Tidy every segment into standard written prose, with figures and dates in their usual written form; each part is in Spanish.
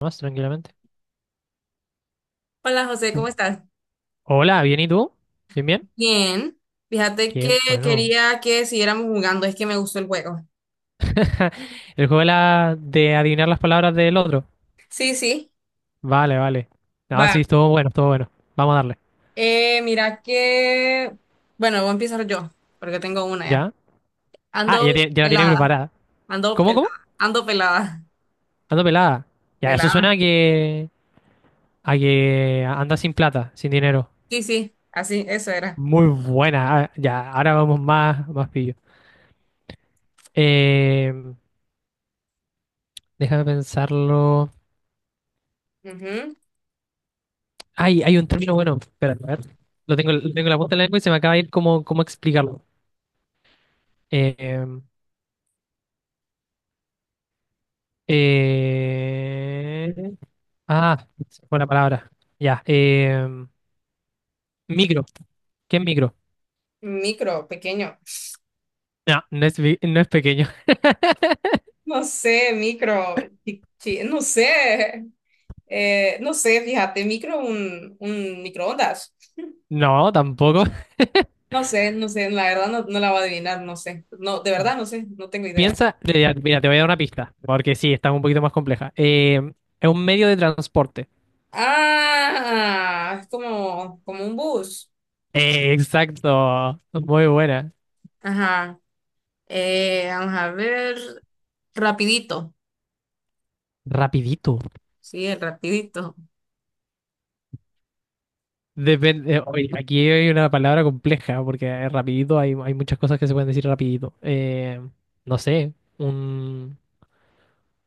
Más tranquilamente. Hola José, ¿cómo estás? Hola, ¿bien y tú? ¿Bien, bien? Bien. Fíjate Qué que bueno. quería que siguiéramos jugando, es que me gustó el juego. El juego de, de adivinar las palabras del otro. Sí, sí, Vale, vale. Sí, va. estuvo bueno, estuvo bueno. Vamos a darle. Eh, mira que, bueno, Voy a empezar yo, porque tengo una ya. ¿Ya? Ando Ya, ya la tiene pelada, preparada. ando ¿Cómo, cómo? pelada, ando pelada, Ando pelada. Ya, eso suena pelada. A que anda sin plata, sin dinero. Sí, sí, así, eso era. Muy buena. Ya, ahora vamos más, más pillo. Eh, Déjame pensarlo. Ujú. Ay, hay un término bueno. Espera, a ver. Lo tengo en la punta de la lengua y se me acaba de ir cómo, cómo explicarlo. Eh, eh, ah, se me fue la palabra. Ya. Micro. ¿Qué es micro? Micro, pequeño. No, no es, no es pequeño. No sé, micro, no sé. No sé, fíjate, micro, un microondas. No, tampoco. No sé, no sé, la verdad no, no la va a adivinar, no sé. No, de verdad no sé, no tengo idea. Piensa, ya, mira, te voy a dar una pista, porque sí, está un poquito más compleja. Es un medio de transporte. Ah, es como, como un bus. Exacto. Muy buena. Ajá. Vamos a ver. Rapidito. Rapidito. Sí, el rapidito. Depende, oye, aquí hay una palabra compleja, porque rapidito hay, hay muchas cosas que se pueden decir rapidito. No sé,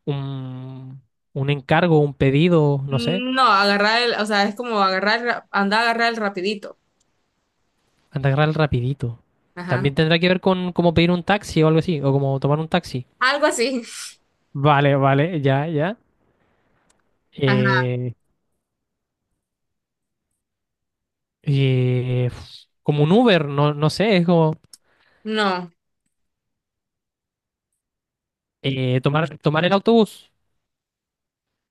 un, un encargo, un pedido, no sé, No, agarrar el, o sea, es como agarrar, andar a agarrar el rapidito. anda a agarrar rapidito. Ajá. También tendrá que ver con cómo pedir un taxi o algo así, o como tomar un taxi. Algo así. Vale, vale, ya, ya. Ajá. Eh, como un Uber, no, no sé, es como No. Tomar, tomar el autobús.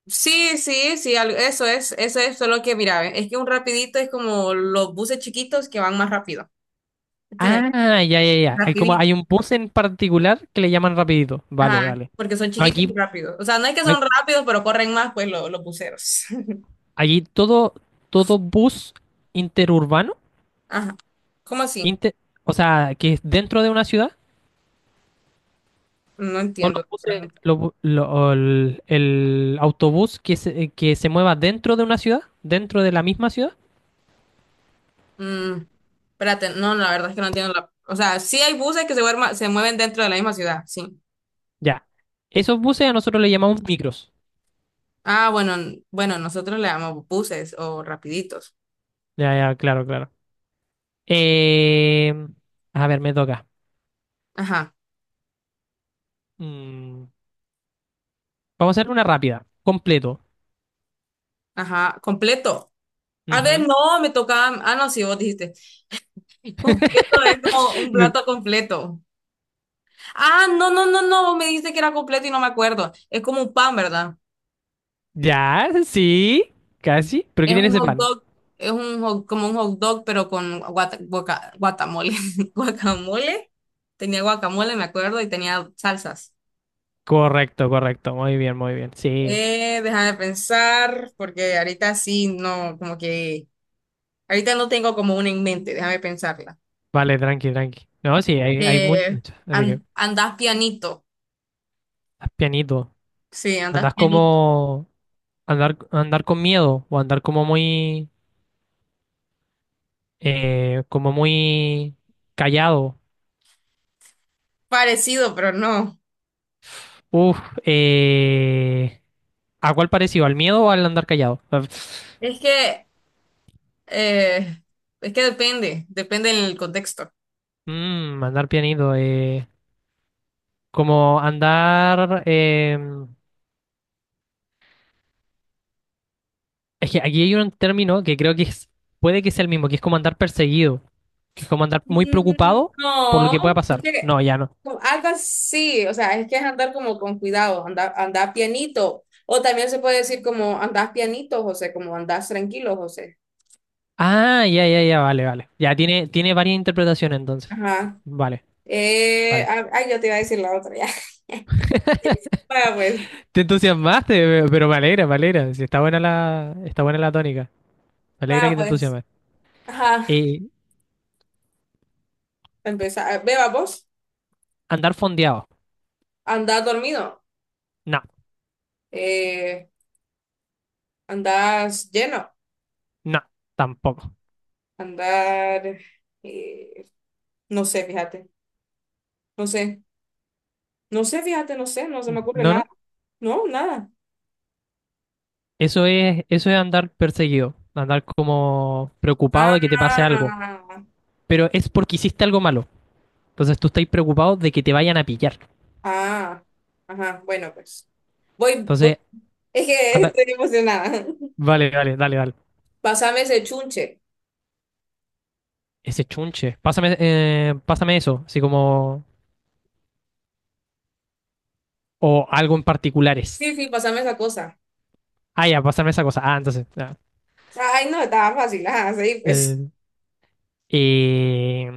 Sí, sí, sí, eso es solo que, mira, ve, es que un rapidito es como los buses chiquitos que van más rápido. Entonces, Ah, ya, ya, ya. Hay como rapidito. hay un bus en particular que le llaman rapidito. Vale, Ajá, vale. porque son chiquitos y Aquí, rápidos. O sea, no es que hay- son rápidos, pero corren más, pues los buceros. allí todo, todo bus interurbano, Ajá. ¿Cómo así? inter o sea, que es dentro de una ciudad. No O entiendo la los buses, pregunta. O el autobús que se mueva dentro de una ciudad, dentro de la misma ciudad, Mm, Espérate, no, la verdad es que no entiendo la... O sea, sí hay buses que se, se mueven dentro de la misma ciudad, sí. ya. Esos buses a nosotros le llamamos micros. Ah, bueno, bueno, nosotros le llamamos buses o rapiditos. Ya, ya, claro, claro. Eh, a ver, me toca. Ajá, Mm, vamos a hacer una rápida, completo. ajá, completo. A ver, Ujú. no, me tocaba... Ah, no, sí, vos dijiste. Completo es como un Me- plato completo. Ah, no, no, no, no, vos me dijiste que era completo y no me acuerdo. Es como un pan, ¿verdad? ya, sí, casi. ¿Pero qué Es tiene un ese hot plan? dog, es un como un hot dog, pero con guacamole. Guacamole. Tenía guacamole, me acuerdo, y tenía salsas. Correcto, correcto. Muy bien, muy bien. Sí. Deja de pensar, porque ahorita sí, no, como que, ahorita no tengo como una en mente, déjame pensarla. Vale, tranqui, tranqui. No, sí, hay mucho. Eh, Así que, Andás pianito. pianito. Sí, andás Andas pianito. como andar, andar con miedo o andar como muy callado. Parecido, pero no. Uf, eh, ¿a cuál parecido? ¿Al miedo o al andar callado? Ah, Es que, eh, es que depende, depende del contexto. Andar pianito, como andar es que aquí hay un término que creo que puede que sea el mismo, que es como andar perseguido, que es como andar muy Mm, preocupado por lo que pueda no, pasar. porque No, ya no. como algo así, o sea, es que es andar como con cuidado, andar, andar pianito. O también se puede decir como andás pianito, José, como andás tranquilo, José. Ah, ya, ya, ya, vale, vale. Ya tiene, tiene varias interpretaciones entonces. Ajá. Vale. Vale. Ay, yo te iba a decir la otra ya. Vaya pues, Te entusiasmaste, pero me alegra, me alegra. Sí, está buena la tónica. Me alegra vaya que te pues. entusiasmes. Ajá. Eh, Empezar. Beba vos, Andar fondeado. andás dormido, No, eh, andás lleno, no, tampoco. andar, eh, no sé, fíjate, no sé, no sé, fíjate, no sé, no se me ocurre No, nada. no. No, nada. Eso es andar perseguido. Andar como preocupado de que te pase algo. Ah, Pero es porque hiciste algo malo. Entonces tú estás preocupado de que te vayan a pillar. ah, ajá, bueno, pues. Voy, voy. Entonces, Es que anda. estoy emocionada. Vale, vale, dale, dale. Pásame ese chunche. Ese chunche. Pásame, pásame eso. Así como. O algo en particulares. Sí, sí, pásame esa cosa. Ah, ya, pásame esa cosa. Ah, entonces. Ya. Ay, no, estaba fácil. Ajá, sí, pues. Eh, Eh,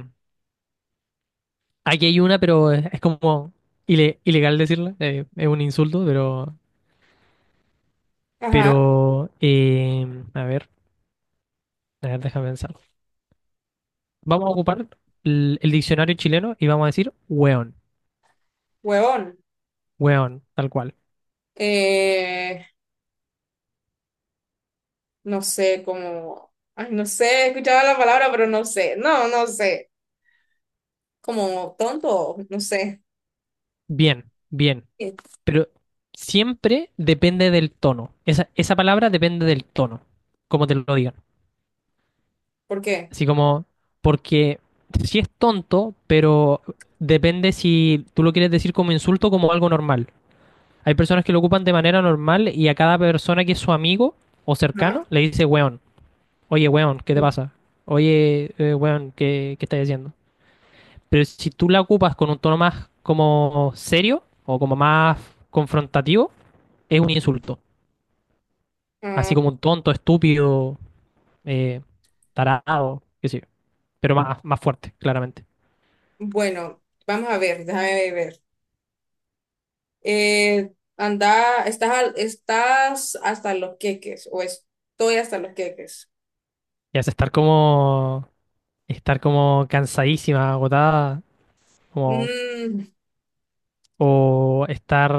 aquí hay una, pero es como ilegal decirla, es un insulto, Ajá, pero a ver, a ver, déjame pensar. Vamos a ocupar el diccionario chileno y vamos a decir weón, huevón. weón, tal cual. Eh, no sé, como. Ay, no sé, escuchaba la palabra, pero no sé. No, no sé. Como tonto, no sé. Bien, bien, Eh, pero siempre depende del tono. Esa palabra depende del tono, como te lo digan. ¿Por qué? Así como, porque si es tonto, pero depende si tú lo quieres decir como insulto o como algo normal. Hay personas que lo ocupan de manera normal y a cada persona que es su amigo o cercano Ajá. le dice, weón, oye, weón, ¿qué te Mm, pasa? Oye, weón, ¿qué, qué estás haciendo? Pero si tú la ocupas con un tono más como serio o como más confrontativo, es un insulto. Así ah, como un tonto, estúpido, eh, tarado, qué sé yo. Pero más, más fuerte, claramente. bueno, vamos a ver, déjame ver. Anda, estás, estás hasta los queques, o estoy hasta los queques. Y hace estar como cansadísima, agotada, como, Mm, o estar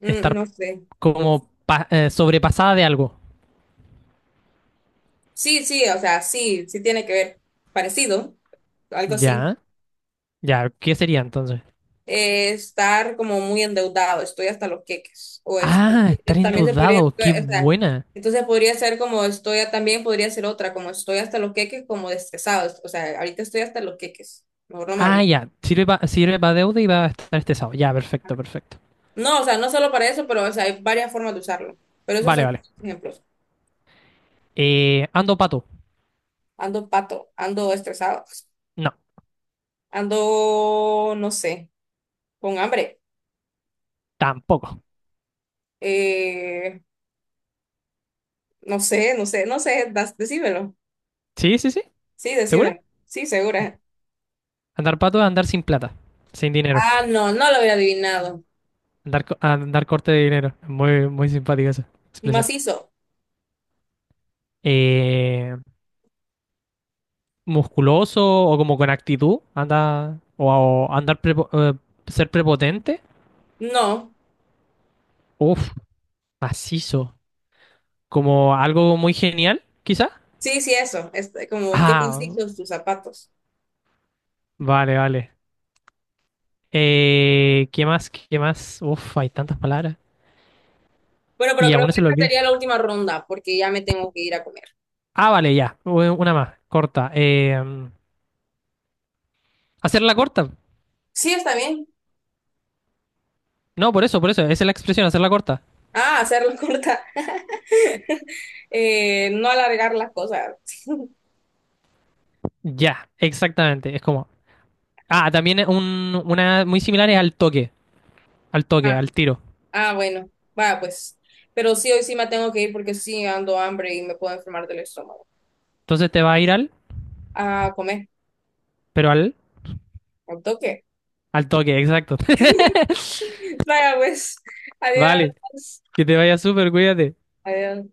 mm, estar no sé. como sobrepasada de algo. Sí, sí, o sea, sí, sí tiene que ver. Parecido, algo así. Ya, ya, ¿qué sería entonces? Estar como muy endeudado, estoy hasta los queques. Ah, estar También se podría, endeudado, qué o sea, buena. entonces podría ser como estoy, también podría ser otra, como estoy hasta los queques, como estresado. O sea, ahorita estoy hasta los queques. Mejor no me Ah, hables. ya, sirve para sirve pa deuda y va a estar estresado. Ya, perfecto, perfecto. No, o sea, no solo para eso, pero o sea, hay varias formas de usarlo. Pero esos Vale, son vale. ejemplos. ¿Ando pato? Ando pato, ando estresado, No, ando, no sé, con hambre. tampoco. Eh, no sé, no sé, no sé, decímelo. Sí, sí, sí, Sí, ¿segura? decímelo. Sí, segura. Andar pato es andar sin plata, sin dinero. Ah, no, no lo había adivinado. Andar, andar corte de dinero. Muy, muy simpática esa expresión. Macizo. Eh, Musculoso o como con actitud, anda, o andar ser prepotente, No. uf macizo, como algo muy genial, quizá. Sí, sí, eso. Este, como, ¿qué Ah, macizo tus zapatos? vale, vale. ¿Qué más? ¿Qué más? Uf, hay tantas palabras. Bueno, pero Y a creo uno que se le esta olvida. sería la última ronda porque ya me tengo que ir a comer. Ah, vale, ya, una más, corta. Hacerla corta. Sí, está bien. No, por eso, esa es la expresión, hacerla corta. Ah, hacerla corta. No alargar las cosas. Ya, exactamente, es como... Ah, también es una muy similar es al toque, al toque, Ah, al tiro. ah, bueno. Va, pues. Pero sí, hoy sí me tengo que ir porque sí ando hambre y me puedo enfermar del estómago. Entonces te va a ir al... A comer, Pero al, al toque. al toque, exacto. Vaya, pues. Adiós. Vale, que te vaya súper, cuídate. Adiós.